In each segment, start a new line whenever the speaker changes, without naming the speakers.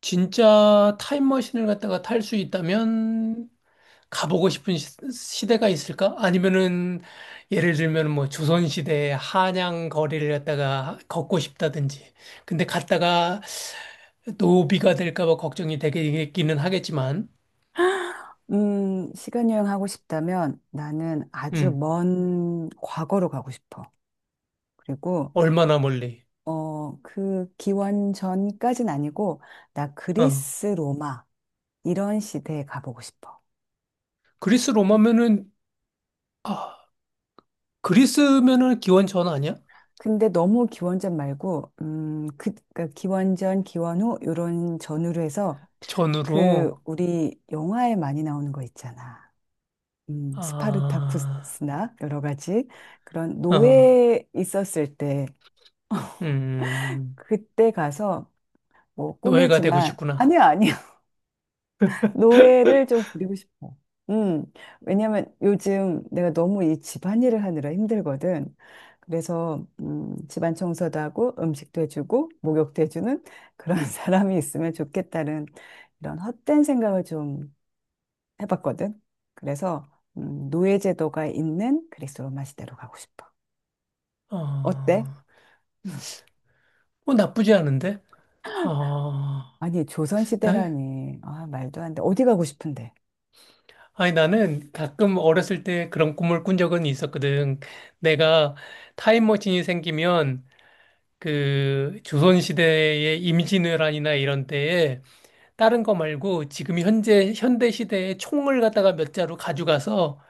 진짜 타임머신을 갖다가 탈 수 있다면 가보고 싶은 대가 있을까? 아니면은 예를 들면 뭐 조선시대 한양 거리를 갖다가 걷고 싶다든지. 근데 갔다가 노비가 될까 봐 걱정이 되기는 하겠지만,
시간 여행하고 싶다면 나는 아주
음,
먼 과거로 가고 싶어. 그리고,
얼마나 멀리.
어, 그 기원 전까진 아니고, 나
어.
그리스, 로마, 이런 시대에 가보고 싶어.
그리스 로마면은, 아, 그리스면은 기원 전 아니야?
근데 너무 기원전 말고, 기원전, 기원 후, 요런 전후로 해서,
전으로,
우리 영화에 많이 나오는 거 있잖아.
아,
스파르타쿠스나 여러 가지 그런
어,
노예 있었을 때,
음,
그때 가서 뭐
노예가 되고
꿈이지만
싶구나.
아니야. 노예를 좀 부리고 싶어. 음 왜냐면 요즘 내가 너무 이 집안일을 하느라 힘들거든. 그래서 집안 청소도 하고 음식도 해주고 목욕도 해주는 그런 사람이 있으면 좋겠다는 이런 헛된 생각을 좀 해봤거든. 그래서 노예 제도가 있는 그리스 로마 시대로 가고 싶어.
어.
어때?
어, 나쁘지 않은데? 아,
아니 조선
나,
시대라니 아 말도 안 돼. 어디 가고 싶은데?
아니, 나는 가끔 어렸을 때 그런 꿈을 꾼 적은 있었거든. 내가 타임머신이 생기면 그 조선시대의 임진왜란이나 이런 때에 다른 거 말고 지금 현재 현대시대의 총을 갖다가 몇 자루 가져가서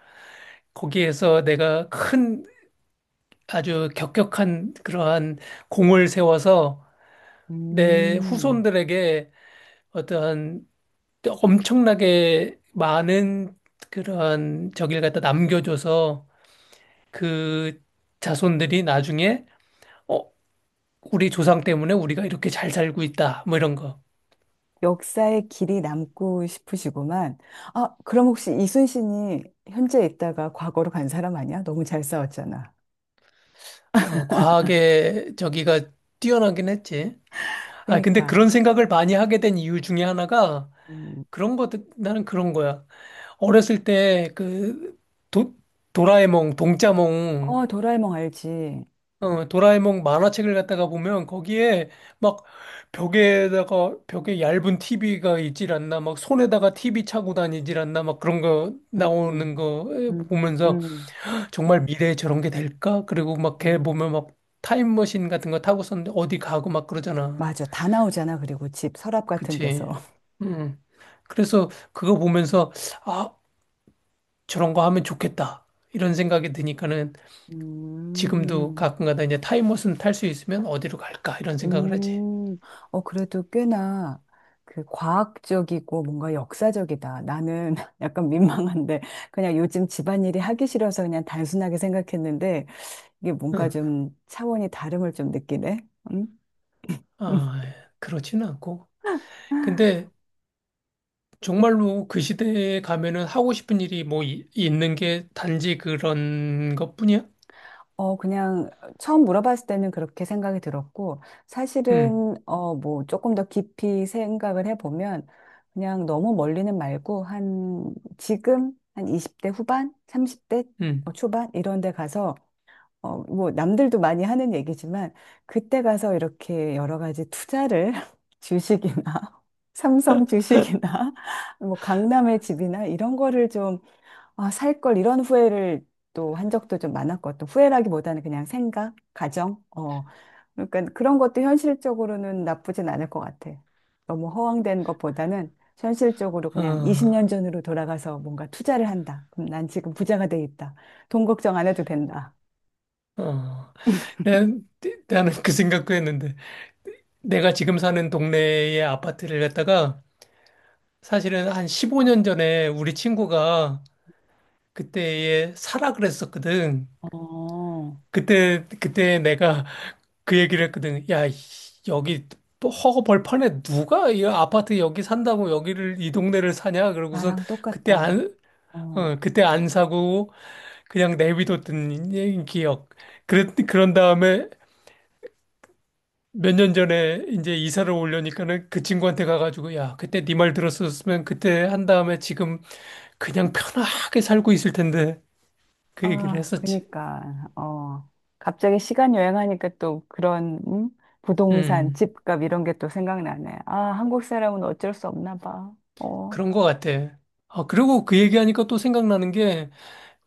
거기에서 내가 큰 아주 격격한 그러한 공을 세워서 내
음.
후손들에게 어떠한 또 엄청나게 많은 그런 저기를 갖다 남겨줘서 그 자손들이 나중에 어, 우리 조상 때문에 우리가 이렇게 잘 살고 있다. 뭐 이런 거.
역사의 길이 남고 싶으시구만. 아, 그럼 혹시 이순신이 현재 있다가 과거로 간 사람 아니야? 너무 잘 싸웠잖아.
어, 과학의 저기가 뛰어나긴 했지. 아, 근데
그니까.
그런 생각을 많이 하게 된 이유 중에 하나가
음,
그런 것, 나는 그런 거야. 어렸을 때 그 도라에몽, 동자몽.
어, 도라에몽 알지.
어, 도라에몽 만화책을 갖다가 보면 거기에 막 벽에 얇은 TV가 있질 않나 막 손에다가 TV 차고 다니질 않나 막 그런 거 나오는
음,
거
음,
보면서
음,
정말 미래에 저런 게 될까? 그리고 막 걔
음,
보면 막 타임머신 같은 거 타고선 어디 가고 막 그러잖아.
맞아. 다 나오잖아. 그리고 집 서랍 같은 데서.
그치? 음. 그래서 그거 보면서 아, 저런 거 하면 좋겠다. 이런 생각이 드니까는 지금도
음.
가끔가다 이제 타임머신 탈 수 있으면 어디로 갈까? 이런 생각을 하지.
음, 어, 그래도 꽤나 그 과학적이고 뭔가 역사적이다. 나는 약간 민망한데 그냥 요즘 집안일이 하기 싫어서 그냥 단순하게 생각했는데 이게 뭔가
응.
좀 차원이 다름을 좀 느끼네. 음?
아, 그렇진 않고. 근데 정말로 그 시대에 가면은 하고 싶은 일이 뭐 있는 게 단지 그런 것뿐이야?
어, 그냥 처음 물어봤을 때는 그렇게 생각이 들었고,
응,
사실은, 조금 더 깊이 생각을 해보면, 그냥 너무 멀리는 말고, 한 20대 후반, 30대
응.
초반, 이런 데 가서, 남들도 많이 하는 얘기지만, 그때 가서 이렇게 여러 가지 투자를, 주식이나, 삼성 주식이나, 강남의 집이나, 이런 거를 좀 아, 살 걸 이런 후회를 또 한 적도 좀 많았고, 또 후회라기보다는 그냥 생각, 가정, 어. 그러니까 그런 것도 현실적으로는 나쁘진 않을 것 같아. 너무 허황된 것보다는 현실적으로 그냥
아,
20년 전으로 돌아가서 뭔가 투자를 한다. 그럼 난 지금 부자가 돼 있다. 돈 걱정 안 해도 된다.
어. 난, 나는 그 생각도 했는데. 내가 지금 사는 동네의 아파트를 갖다가 사실은 한 15년 전에 우리 친구가 그때에 사라 그랬었거든.
어,
그때 내가 그 얘기를 했거든. 야, 여기 허허벌판에 누가 이 아파트 여기 산다고 여기를 이 동네를 사냐? 그러고선
나랑
그때
똑같다.
안, 어,
어.
그때 안 사고 그냥 내비뒀던 기억. 그런 다음에 몇 년 전에 이제 이사를 오려니까는 그 친구한테 가가지고 야, 그때 네 말 들었었으면 그때 한 다음에 지금 그냥 편하게 살고 있을 텐데 그 얘기를
아,
했었지.
그니까, 어, 갑자기 시간 여행하니까 또 그런, 음? 부동산,
음,
집값 이런 게 또 생각나네. 아, 한국 사람은 어쩔 수 없나 봐. 어,
그런 것 같아. 아, 그리고 그 얘기하니까 또 생각나는 게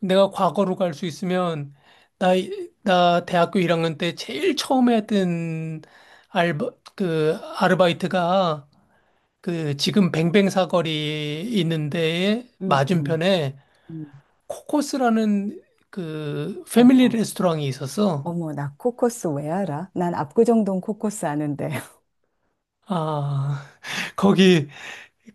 내가 과거로 갈 수 있으면 나, 나 대학교 1학년 때 제일 처음에 했던 알바, 그 아르바이트가 그 지금 뱅뱅사거리 있는 데에
음, 음.
맞은편에
음,
코코스라는 그 패밀리
어머.
레스토랑이 있었어.
어머, 나 코코스 왜 알아? 난 압구정동 코코스 아는데.
아, 거기,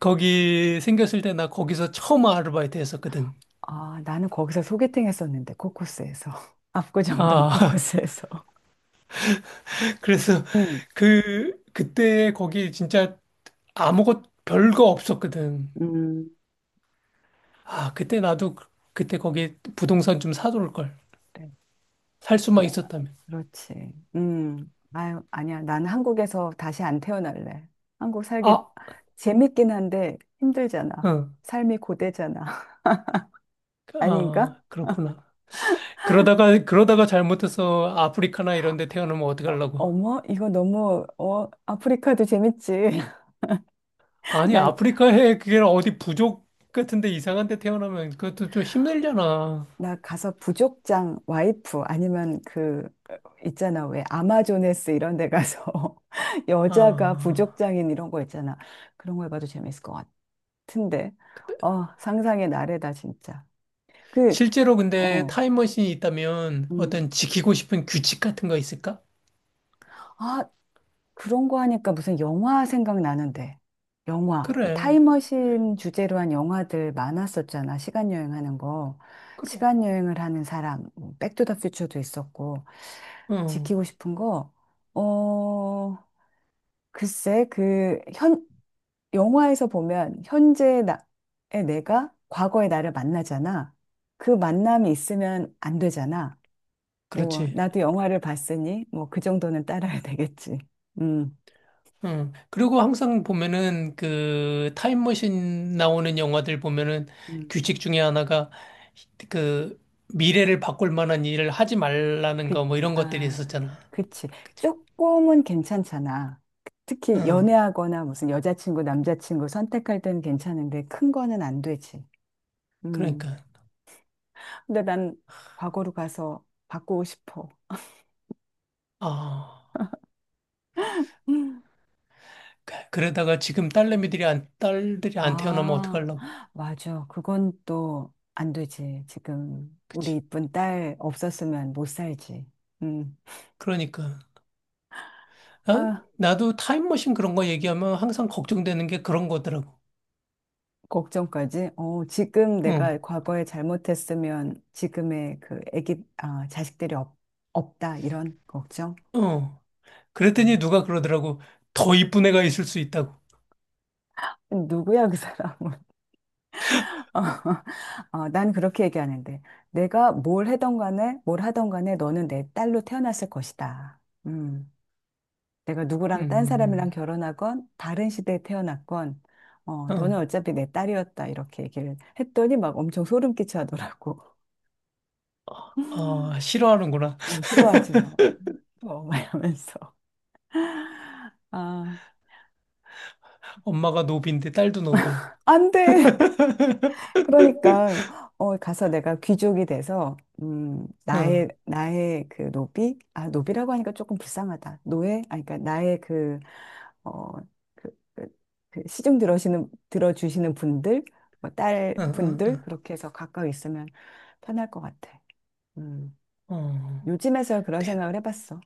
거기 생겼을 때 나 거기서 처음 아르바이트 했었거든.
아, 나는 거기서 소개팅 했었는데, 코코스에서. 압구정동
아,
코코스에서.
그래서
음,
그때 거기 진짜 아무것 별거 없었거든.
음.
아, 그때 거기 부동산 좀 사둘 걸.
그래.
살 수만 있었다면.
그렇지. 음. 아유, 아니야. 난 한국에서 다시 안 태어날래. 한국 살기
아,
재밌긴 한데 힘들잖아.
응.
삶이 고되잖아. 아닌가?
아, 그렇구나. 그러다가 잘못해서 아프리카나 이런 데 태어나면 어떡하려고.
어머, 이거 너무, 어, 아프리카도 재밌지.
아니,
난,
아프리카에 그게 어디 부족 같은데 이상한 데 태어나면 그것도 좀 힘들잖아.
나 가서 부족장 와이프 아니면 그, 있잖아. 왜 아마조네스 이런 데 가서 여자가
아.
부족장인 이런 거 있잖아. 그런 거 해봐도 재밌을 것 같은데. 어, 상상의 나래다, 진짜. 그,
실제로 근데
어.
타임머신이 있다면
음.
어떤 지키고 싶은 규칙 같은 거 있을까?
아, 그런 거 하니까 무슨 영화 생각나는데. 영화. 그
그래.
타임머신 주제로 한 영화들 많았었잖아. 시간 여행하는 거.
그래.
시간 여행을 하는 사람. 뭐 백투더퓨처도 있었고.
어.
지키고 싶은 거. 어, 글쎄, 영화에서 보면 현재의 나의 내가 과거의 나를 만나잖아. 그 만남이 있으면 안 되잖아. 뭐,
그렇지.
나도 영화를 봤으니 뭐 그 정도는 따라야 되겠지. 음.
응. 그리고 항상 보면은 그 타임머신 나오는 영화들 보면은
음.
규칙 중에 하나가 그 미래를 바꿀 만한 일을 하지 말라는
그,
거 뭐 이런 것들이
아,
있었잖아.
그치.
그치?
조금은 괜찮잖아. 특히
응.
연애하거나 무슨 여자친구, 남자친구 선택할 때는 괜찮은데 큰 거는 안 되지. 음.
그러니까.
근데 난 과거로 가서 바꾸고 싶어.
아.
음.
그러다가 지금 딸내미들이 안, 딸들이 안 태어나면
아,
어떡하려고.
맞아. 그건 또 안 되지. 지금 우리
그치?
이쁜 딸 없었으면 못 살지. 음.
그러니까. 나,
아,
나도 타임머신 그런 거 얘기하면 항상 걱정되는 게 그런 거더라고.
걱정까지? 어, 지금 내가
응.
과거에 잘못했으면 지금의 그 애기, 아, 자식들이 없, 없다, 이런 걱정?
어. 그랬더니
음.
누가 그러더라고. 더 이쁜 애가 있을 수 있다고.
누구야, 그 사람은? 난 그렇게 얘기하는데. 내가 뭘 해던 간에, 뭘 하던 간에 너는 내 딸로 태어났을 것이다. 음. 내가 누구랑 딴
음,
사람이랑 결혼하건, 다른 시대에 태어났건, 어, 너는
어,
어차피 내 딸이었다. 이렇게 얘기를 했더니 막 엄청 소름 끼쳐하더라고.
아, 싫어하는구나.
어, 싫어하지 마. 어, 막 이러면서. 아,
엄마가 노비인데 딸도 노비야.
안 돼! 그러니까, 어, 가서 내가 귀족이 돼서,
응,
나의 그 노비? 아, 노비라고 하니까 조금 불쌍하다. 노예? 아, 그러니까 나의 그, 어, 그, 그, 그 들어주시는 분들, 뭐, 딸
응, 응,
분들,
응.
그렇게 해서 가까이 있으면 편할 것 같아. 음,
어,
요즘에서야 그런
대,
생각을 해봤어.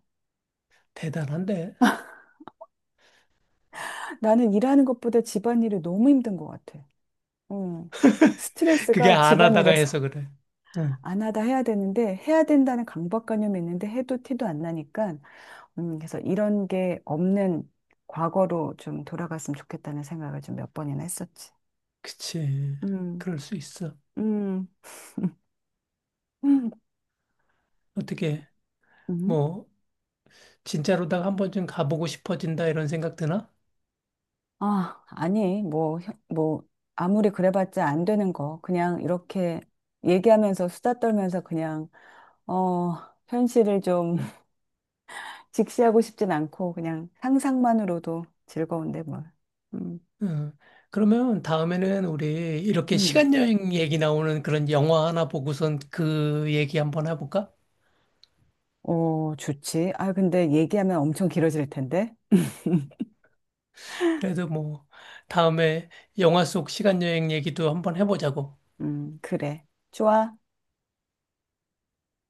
대단한데?
나는 일하는 것보다 집안일이 너무 힘든 것 같아. 음,
그게
스트레스가
안 하다가
집안일에서
해서 그래. 응,
안 하다 해야 되는데 해야 된다는 강박관념이 있는데 해도 티도 안 나니까 그래서 이런 게 없는 과거로 좀 돌아갔으면 좋겠다는 생각을 좀 몇 번이나 했었지.
그치.
음,
그럴 수 있어.
음,
어떻게,
음.
뭐, 진짜로다가 한 번쯤 가보고 싶어진다 이런 생각 드나?
아, 아니, 뭐, 혀- 뭐, 아무리 그래봤자 안 되는 거. 그냥 이렇게 얘기하면서 수다 떨면서 그냥, 어, 현실을 좀 직시하고 싶진 않고 그냥 상상만으로도 즐거운데 뭐. 음,
응. 그러면 다음에는 우리 이렇게
음.
시간 여행 얘기 나오는 그런 영화 하나 보고선 그 얘기 한번 해볼까?
어, 좋지. 아, 근데 얘기하면 엄청 길어질 텐데.
그래도 뭐 다음에 영화 속 시간 여행 얘기도 한번 해보자고.
그래. 좋아.